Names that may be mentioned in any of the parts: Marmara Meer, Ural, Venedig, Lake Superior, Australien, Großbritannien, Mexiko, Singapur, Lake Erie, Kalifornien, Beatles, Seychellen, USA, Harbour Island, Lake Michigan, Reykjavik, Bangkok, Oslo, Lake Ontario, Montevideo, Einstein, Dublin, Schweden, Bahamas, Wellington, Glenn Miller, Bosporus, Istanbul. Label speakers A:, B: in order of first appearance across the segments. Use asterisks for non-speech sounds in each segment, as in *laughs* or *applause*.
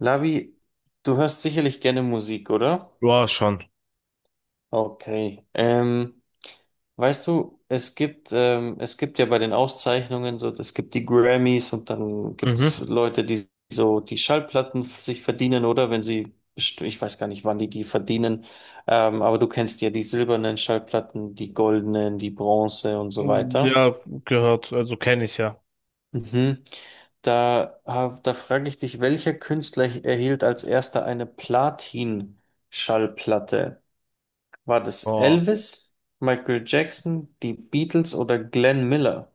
A: Lavi, du hörst sicherlich gerne Musik, oder?
B: Ja, schon.
A: Okay. Weißt du, es gibt ja bei den Auszeichnungen so, es gibt die Grammys und dann
B: Mhm.
A: gibt's Leute, die so die Schallplatten sich verdienen, oder? Wenn sie, ich weiß gar nicht, wann die die verdienen, aber du kennst ja die silbernen Schallplatten, die goldenen, die Bronze und so weiter.
B: Ja, gehört. Also kenne ich ja.
A: Mhm. Da, da frage ich dich, welcher Künstler erhielt als erster eine Platin-Schallplatte? War das
B: Oh.
A: Elvis, Michael Jackson, die Beatles oder Glenn Miller?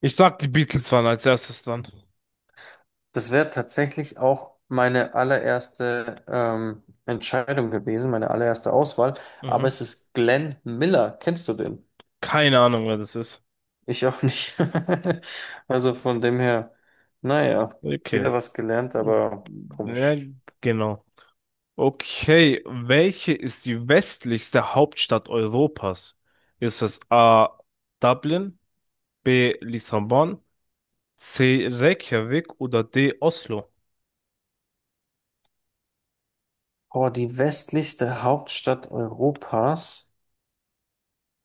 B: Ich sag, die Beatles waren als erstes dran.
A: Das wäre tatsächlich auch meine allererste Entscheidung gewesen, meine allererste Auswahl. Aber
B: Mhm.
A: es ist Glenn Miller. Kennst du den?
B: Keine Ahnung, wer das ist.
A: Ich auch nicht. *laughs* Also von dem her, naja,
B: Okay.
A: wieder was gelernt, aber
B: Ja,
A: komisch.
B: genau. Okay, welche ist die westlichste Hauptstadt Europas? Ist es A. Dublin, B. Lissabon, C. Reykjavik oder D. Oslo?
A: Oh, die westlichste Hauptstadt Europas.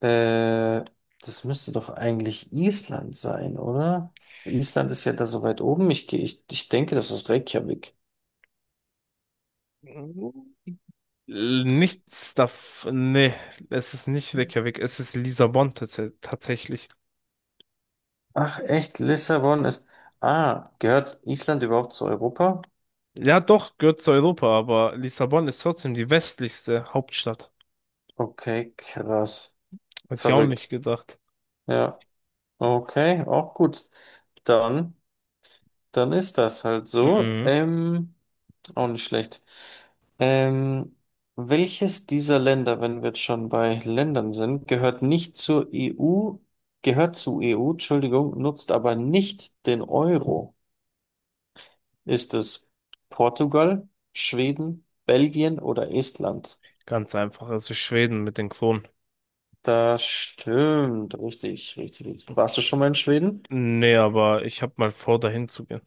A: Äh, Das müsste doch eigentlich Island sein, oder? Island ist ja da so weit oben. Ich denke, das ist Reykjavik.
B: Nichts davon. Nee, es ist nicht Reykjavik, es ist Lissabon tatsächlich.
A: Ach, echt? Lissabon ist. Ah, gehört Island überhaupt zu Europa?
B: Ja, doch, gehört zu Europa, aber Lissabon ist trotzdem die westlichste Hauptstadt.
A: Okay, krass.
B: Hätte ich auch nicht
A: Verrückt.
B: gedacht.
A: Ja, okay, auch gut. Dann, dann ist das halt so.
B: Mhm.
A: Auch nicht schlecht. Ähm, welches dieser Länder, wenn wir jetzt schon bei Ländern sind, gehört nicht zur EU, gehört zur EU, Entschuldigung, nutzt aber nicht den Euro? Ist es Portugal, Schweden, Belgien oder Estland?
B: Ganz einfach, es ist Schweden mit den Kronen.
A: Das stimmt, richtig, richtig, richtig.
B: Okay.
A: Warst du schon mal in Schweden?
B: Nee, aber ich habe mal vor, dahin zu gehen.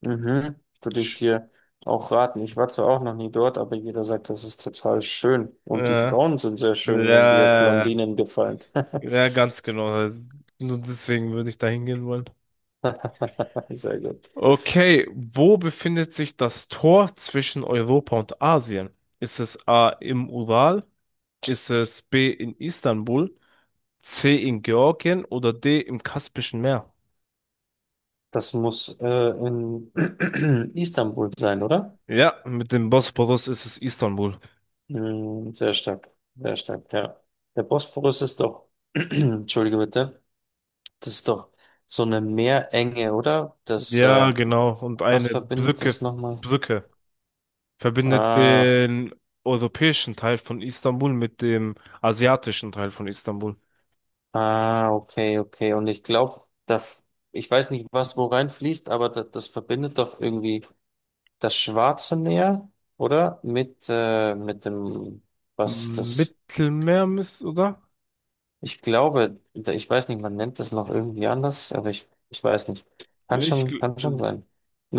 A: Mhm. Würde ich
B: Sch-
A: dir auch raten. Ich war zwar auch noch nie dort, aber jeder sagt, das ist total schön.
B: Äh,
A: Und die Frauen sind sehr
B: ja,
A: schön, wenn dir
B: ja,
A: Blondinen gefallen.
B: ja, ganz genau. Also, nur deswegen würde ich dahin gehen wollen.
A: *laughs* Sehr gut.
B: Okay, wo befindet sich das Tor zwischen Europa und Asien? Ist es A im Ural? Ist es B in Istanbul? C in Georgien oder D im Kaspischen Meer?
A: Das muss in *clears throat* Istanbul sein, oder?
B: Ja, mit dem Bosporus ist es Istanbul.
A: Mm, sehr stark, ja. Der Bosporus ist doch, *clears throat* entschuldige bitte, das ist doch so eine Meerenge, oder?
B: Ja, genau. Und
A: Was
B: eine
A: verbindet
B: Brücke,
A: das nochmal?
B: Brücke verbindet
A: Ah.
B: den europäischen Teil von Istanbul mit dem asiatischen Teil von Istanbul.
A: Ah, okay, okay. Und ich glaube, das, ich weiß nicht, was wo reinfließt, aber das, das verbindet doch irgendwie das Schwarze Meer, oder? Mit dem, was ist das?
B: Mittelmeer müsste, oder?
A: Ich glaube, ich weiß nicht, man nennt das noch irgendwie anders, aber ich weiß nicht.
B: Ich, gl-
A: Kann schon sein.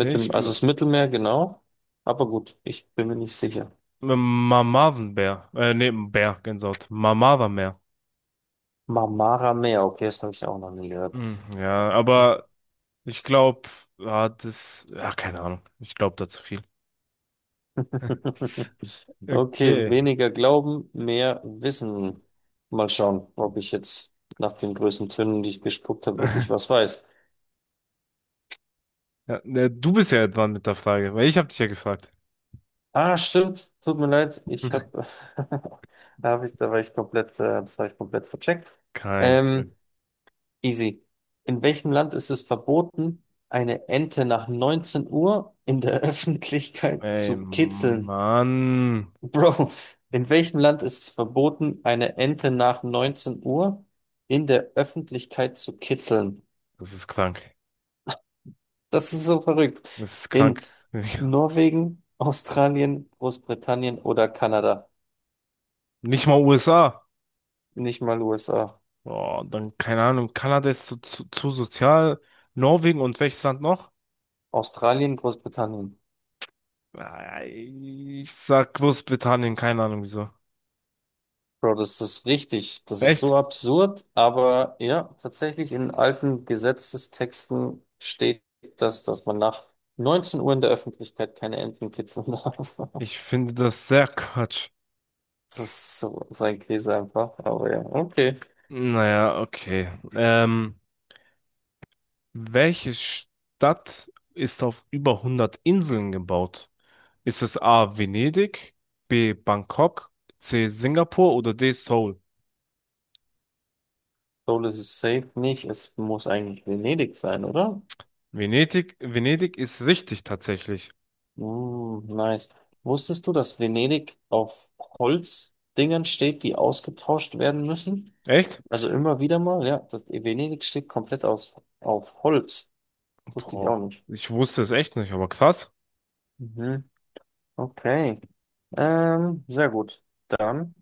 B: äh, ich,
A: dem, also
B: gl-
A: das Mittelmeer, genau. Aber gut, ich bin mir nicht sicher.
B: Mamavenbär. Nee, Bär, Gänsehaut. Mamavenbär.
A: Marmara Meer, okay, das habe ich auch noch nie gehört.
B: Hm, ja,
A: Okay.
B: aber ich glaube, ja, das, ja, keine Ahnung. Ich glaube da zu viel.
A: *laughs* Okay,
B: Okay.
A: weniger glauben, mehr wissen. Mal schauen, ob ich jetzt nach den größten Tönen, die ich gespuckt habe, wirklich was
B: *laughs*
A: weiß.
B: Ja, ne, du bist ja dran mit der Frage, weil ich habe dich ja gefragt.
A: Ah, stimmt. Tut mir leid. Ich
B: *laughs*
A: habe, *laughs* da habe ich, da war ich komplett, das habe ich komplett vercheckt.
B: Kein
A: Ähm,
B: Problem.
A: easy. In welchem Land ist es verboten, eine Ente nach 19 Uhr in der *laughs* Öffentlichkeit
B: Ey,
A: zu kitzeln?
B: Mann,
A: Bro, in welchem Land ist es verboten, eine Ente nach 19 Uhr in der Öffentlichkeit zu kitzeln?
B: das ist krank.
A: Das ist so verrückt.
B: Das ist krank.
A: In
B: *laughs*
A: Norwegen, Australien, Großbritannien oder Kanada?
B: Nicht mal USA.
A: Nicht mal USA.
B: Oh, dann keine Ahnung. Kanada ist zu sozial. Norwegen und welches Land noch?
A: Australien, Großbritannien.
B: Äh, Ich sag Großbritannien, keine Ahnung wieso.
A: Bro, das ist richtig. Das ist
B: Echt?
A: so absurd, aber ja, tatsächlich in alten Gesetzestexten steht das, dass man nach 19 Uhr in der Öffentlichkeit keine Enten kitzeln darf. *laughs*
B: Ich finde das sehr Quatsch.
A: Das ist so sein Käse einfach. Aber ja, okay.
B: Naja, okay. Welche Stadt ist auf über hundert Inseln gebaut? Ist es A. Venedig, B. Bangkok, C. Singapur oder D. Seoul?
A: Seoul ist es safe nicht. Es muss eigentlich Venedig sein, oder?
B: Venedig, Venedig ist richtig tatsächlich.
A: Mm, nice. Wusstest du, dass Venedig auf Holzdingern steht, die ausgetauscht werden müssen?
B: Echt?
A: Also immer wieder mal, ja. Das Venedig steht komplett aus, auf Holz. Wusste ich auch
B: Boah,
A: nicht.
B: ich wusste es echt nicht, aber krass.
A: Mhm. Okay. Sehr gut. Dann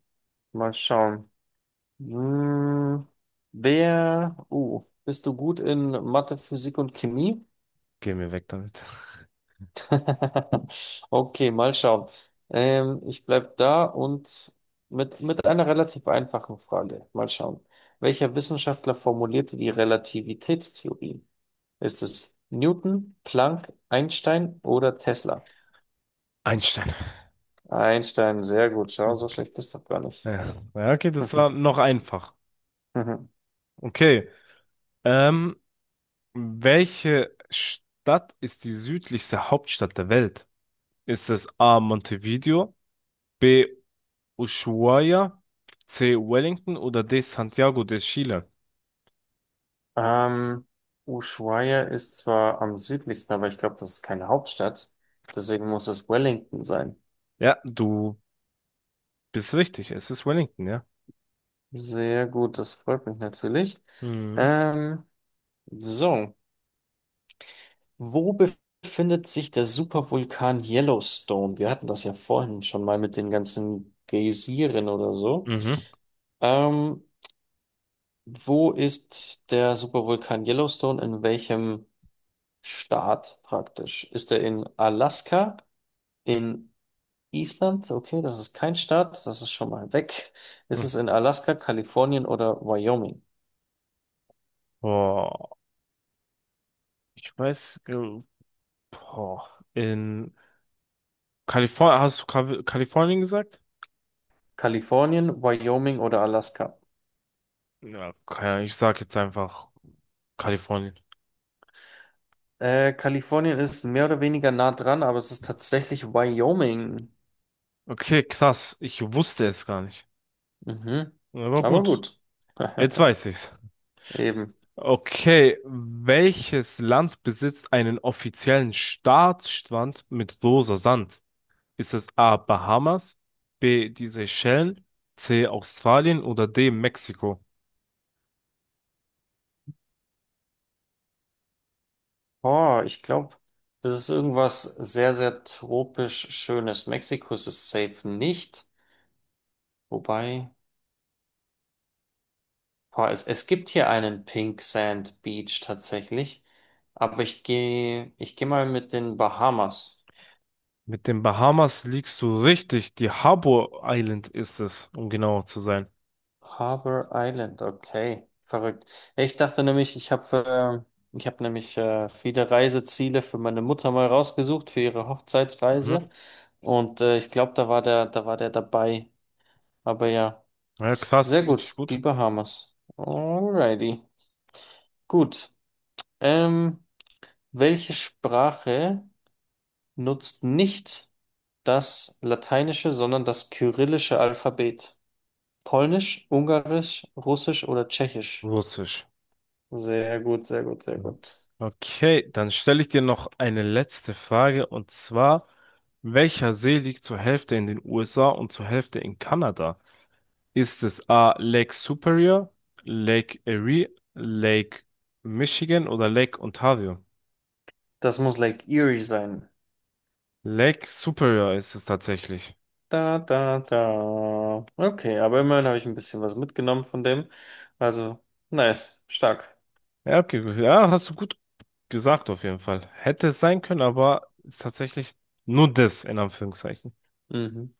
A: mal schauen. Hm, wer, bist du gut in Mathe, Physik und Chemie?
B: Geh mir weg damit.
A: *laughs* Okay, mal schauen. Ich bleib da und mit einer relativ einfachen Frage. Mal schauen. Welcher Wissenschaftler formulierte die Relativitätstheorie? Ist es Newton, Planck, Einstein oder Tesla?
B: Einstein.
A: Einstein, sehr gut. Schau, so
B: Okay.
A: schlecht bist du doch gar nicht.
B: Ja, ja, okay,
A: *laughs*
B: das
A: Mhm,
B: war noch einfach.
A: mhm.
B: Okay. Ähm, welche Stadt ist die südlichste Hauptstadt der Welt? Ist es A. Montevideo, B. Ushuaia, C. Wellington oder D. Santiago de Chile?
A: Ähm, Ushuaia ist zwar am südlichsten, aber ich glaube, das ist keine Hauptstadt. Deswegen muss es Wellington sein.
B: Ja, du bist richtig. Es ist Wellington, ja.
A: Sehr gut, das freut mich natürlich.
B: Mhm.
A: Ähm, so, wo befindet sich der Supervulkan Yellowstone? Wir hatten das ja vorhin schon mal mit den ganzen Geysiren oder so.
B: Mhm.
A: Ähm, wo ist der Supervulkan Yellowstone? In welchem Staat praktisch? Ist er in Alaska? In Island? Okay, das ist kein Staat, das ist schon mal weg. Ist
B: Mhm.
A: es in Alaska, Kalifornien oder Wyoming?
B: Boah, ich weiß, boah, in Kalifornien, hast du Kalifornien gesagt?
A: Kalifornien, Wyoming oder Alaska?
B: Ja, okay, ich sag jetzt einfach Kalifornien.
A: Kalifornien ist mehr oder weniger nah dran, aber es ist tatsächlich Wyoming.
B: Okay, krass. Ich wusste es gar nicht.
A: Mhm.
B: Aber
A: Aber
B: gut,
A: gut.
B: jetzt
A: *laughs*
B: weiß ich's.
A: Eben.
B: Okay, welches Land besitzt einen offiziellen Staatsstrand mit rosa Sand? Ist es A. Bahamas, B. die Seychellen, C. Australien oder D. Mexiko?
A: Oh, ich glaube, das ist irgendwas sehr, sehr tropisch Schönes. Mexiko ist es safe nicht. Wobei, boah, es gibt hier einen Pink Sand Beach tatsächlich. Aber ich gehe mal mit den Bahamas.
B: Mit den Bahamas liegst du richtig. Die Harbour Island ist es, um genauer zu sein.
A: Harbour Island, okay, verrückt. Ja, ich dachte nämlich, ich habe nämlich viele Reiseziele für meine Mutter mal rausgesucht für ihre Hochzeitsreise
B: Mhm.
A: und ich glaube, da war der dabei. Aber ja,
B: Ja,
A: sehr
B: krass, wirklich
A: gut, die
B: gut.
A: Bahamas. Alrighty, gut. Ähm, welche Sprache nutzt nicht das lateinische, sondern das kyrillische Alphabet? Polnisch, Ungarisch, Russisch oder Tschechisch?
B: Russisch.
A: Sehr gut, sehr gut, sehr
B: Ja.
A: gut.
B: Okay, dann stelle ich dir noch eine letzte Frage und zwar, welcher See liegt zur Hälfte in den USA und zur Hälfte in Kanada? Ist es A. Lake Superior, Lake Erie, Lake Michigan oder Lake Ontario?
A: Das muss Lake Erie sein.
B: Lake Superior ist es tatsächlich.
A: Da, da, da. Okay, aber immerhin habe ich ein bisschen was mitgenommen von dem. Also, nice, stark.
B: Ja, okay, gut, ja, hast du gut gesagt auf jeden Fall. Hätte es sein können, aber ist tatsächlich nur das in Anführungszeichen.
A: Mhm.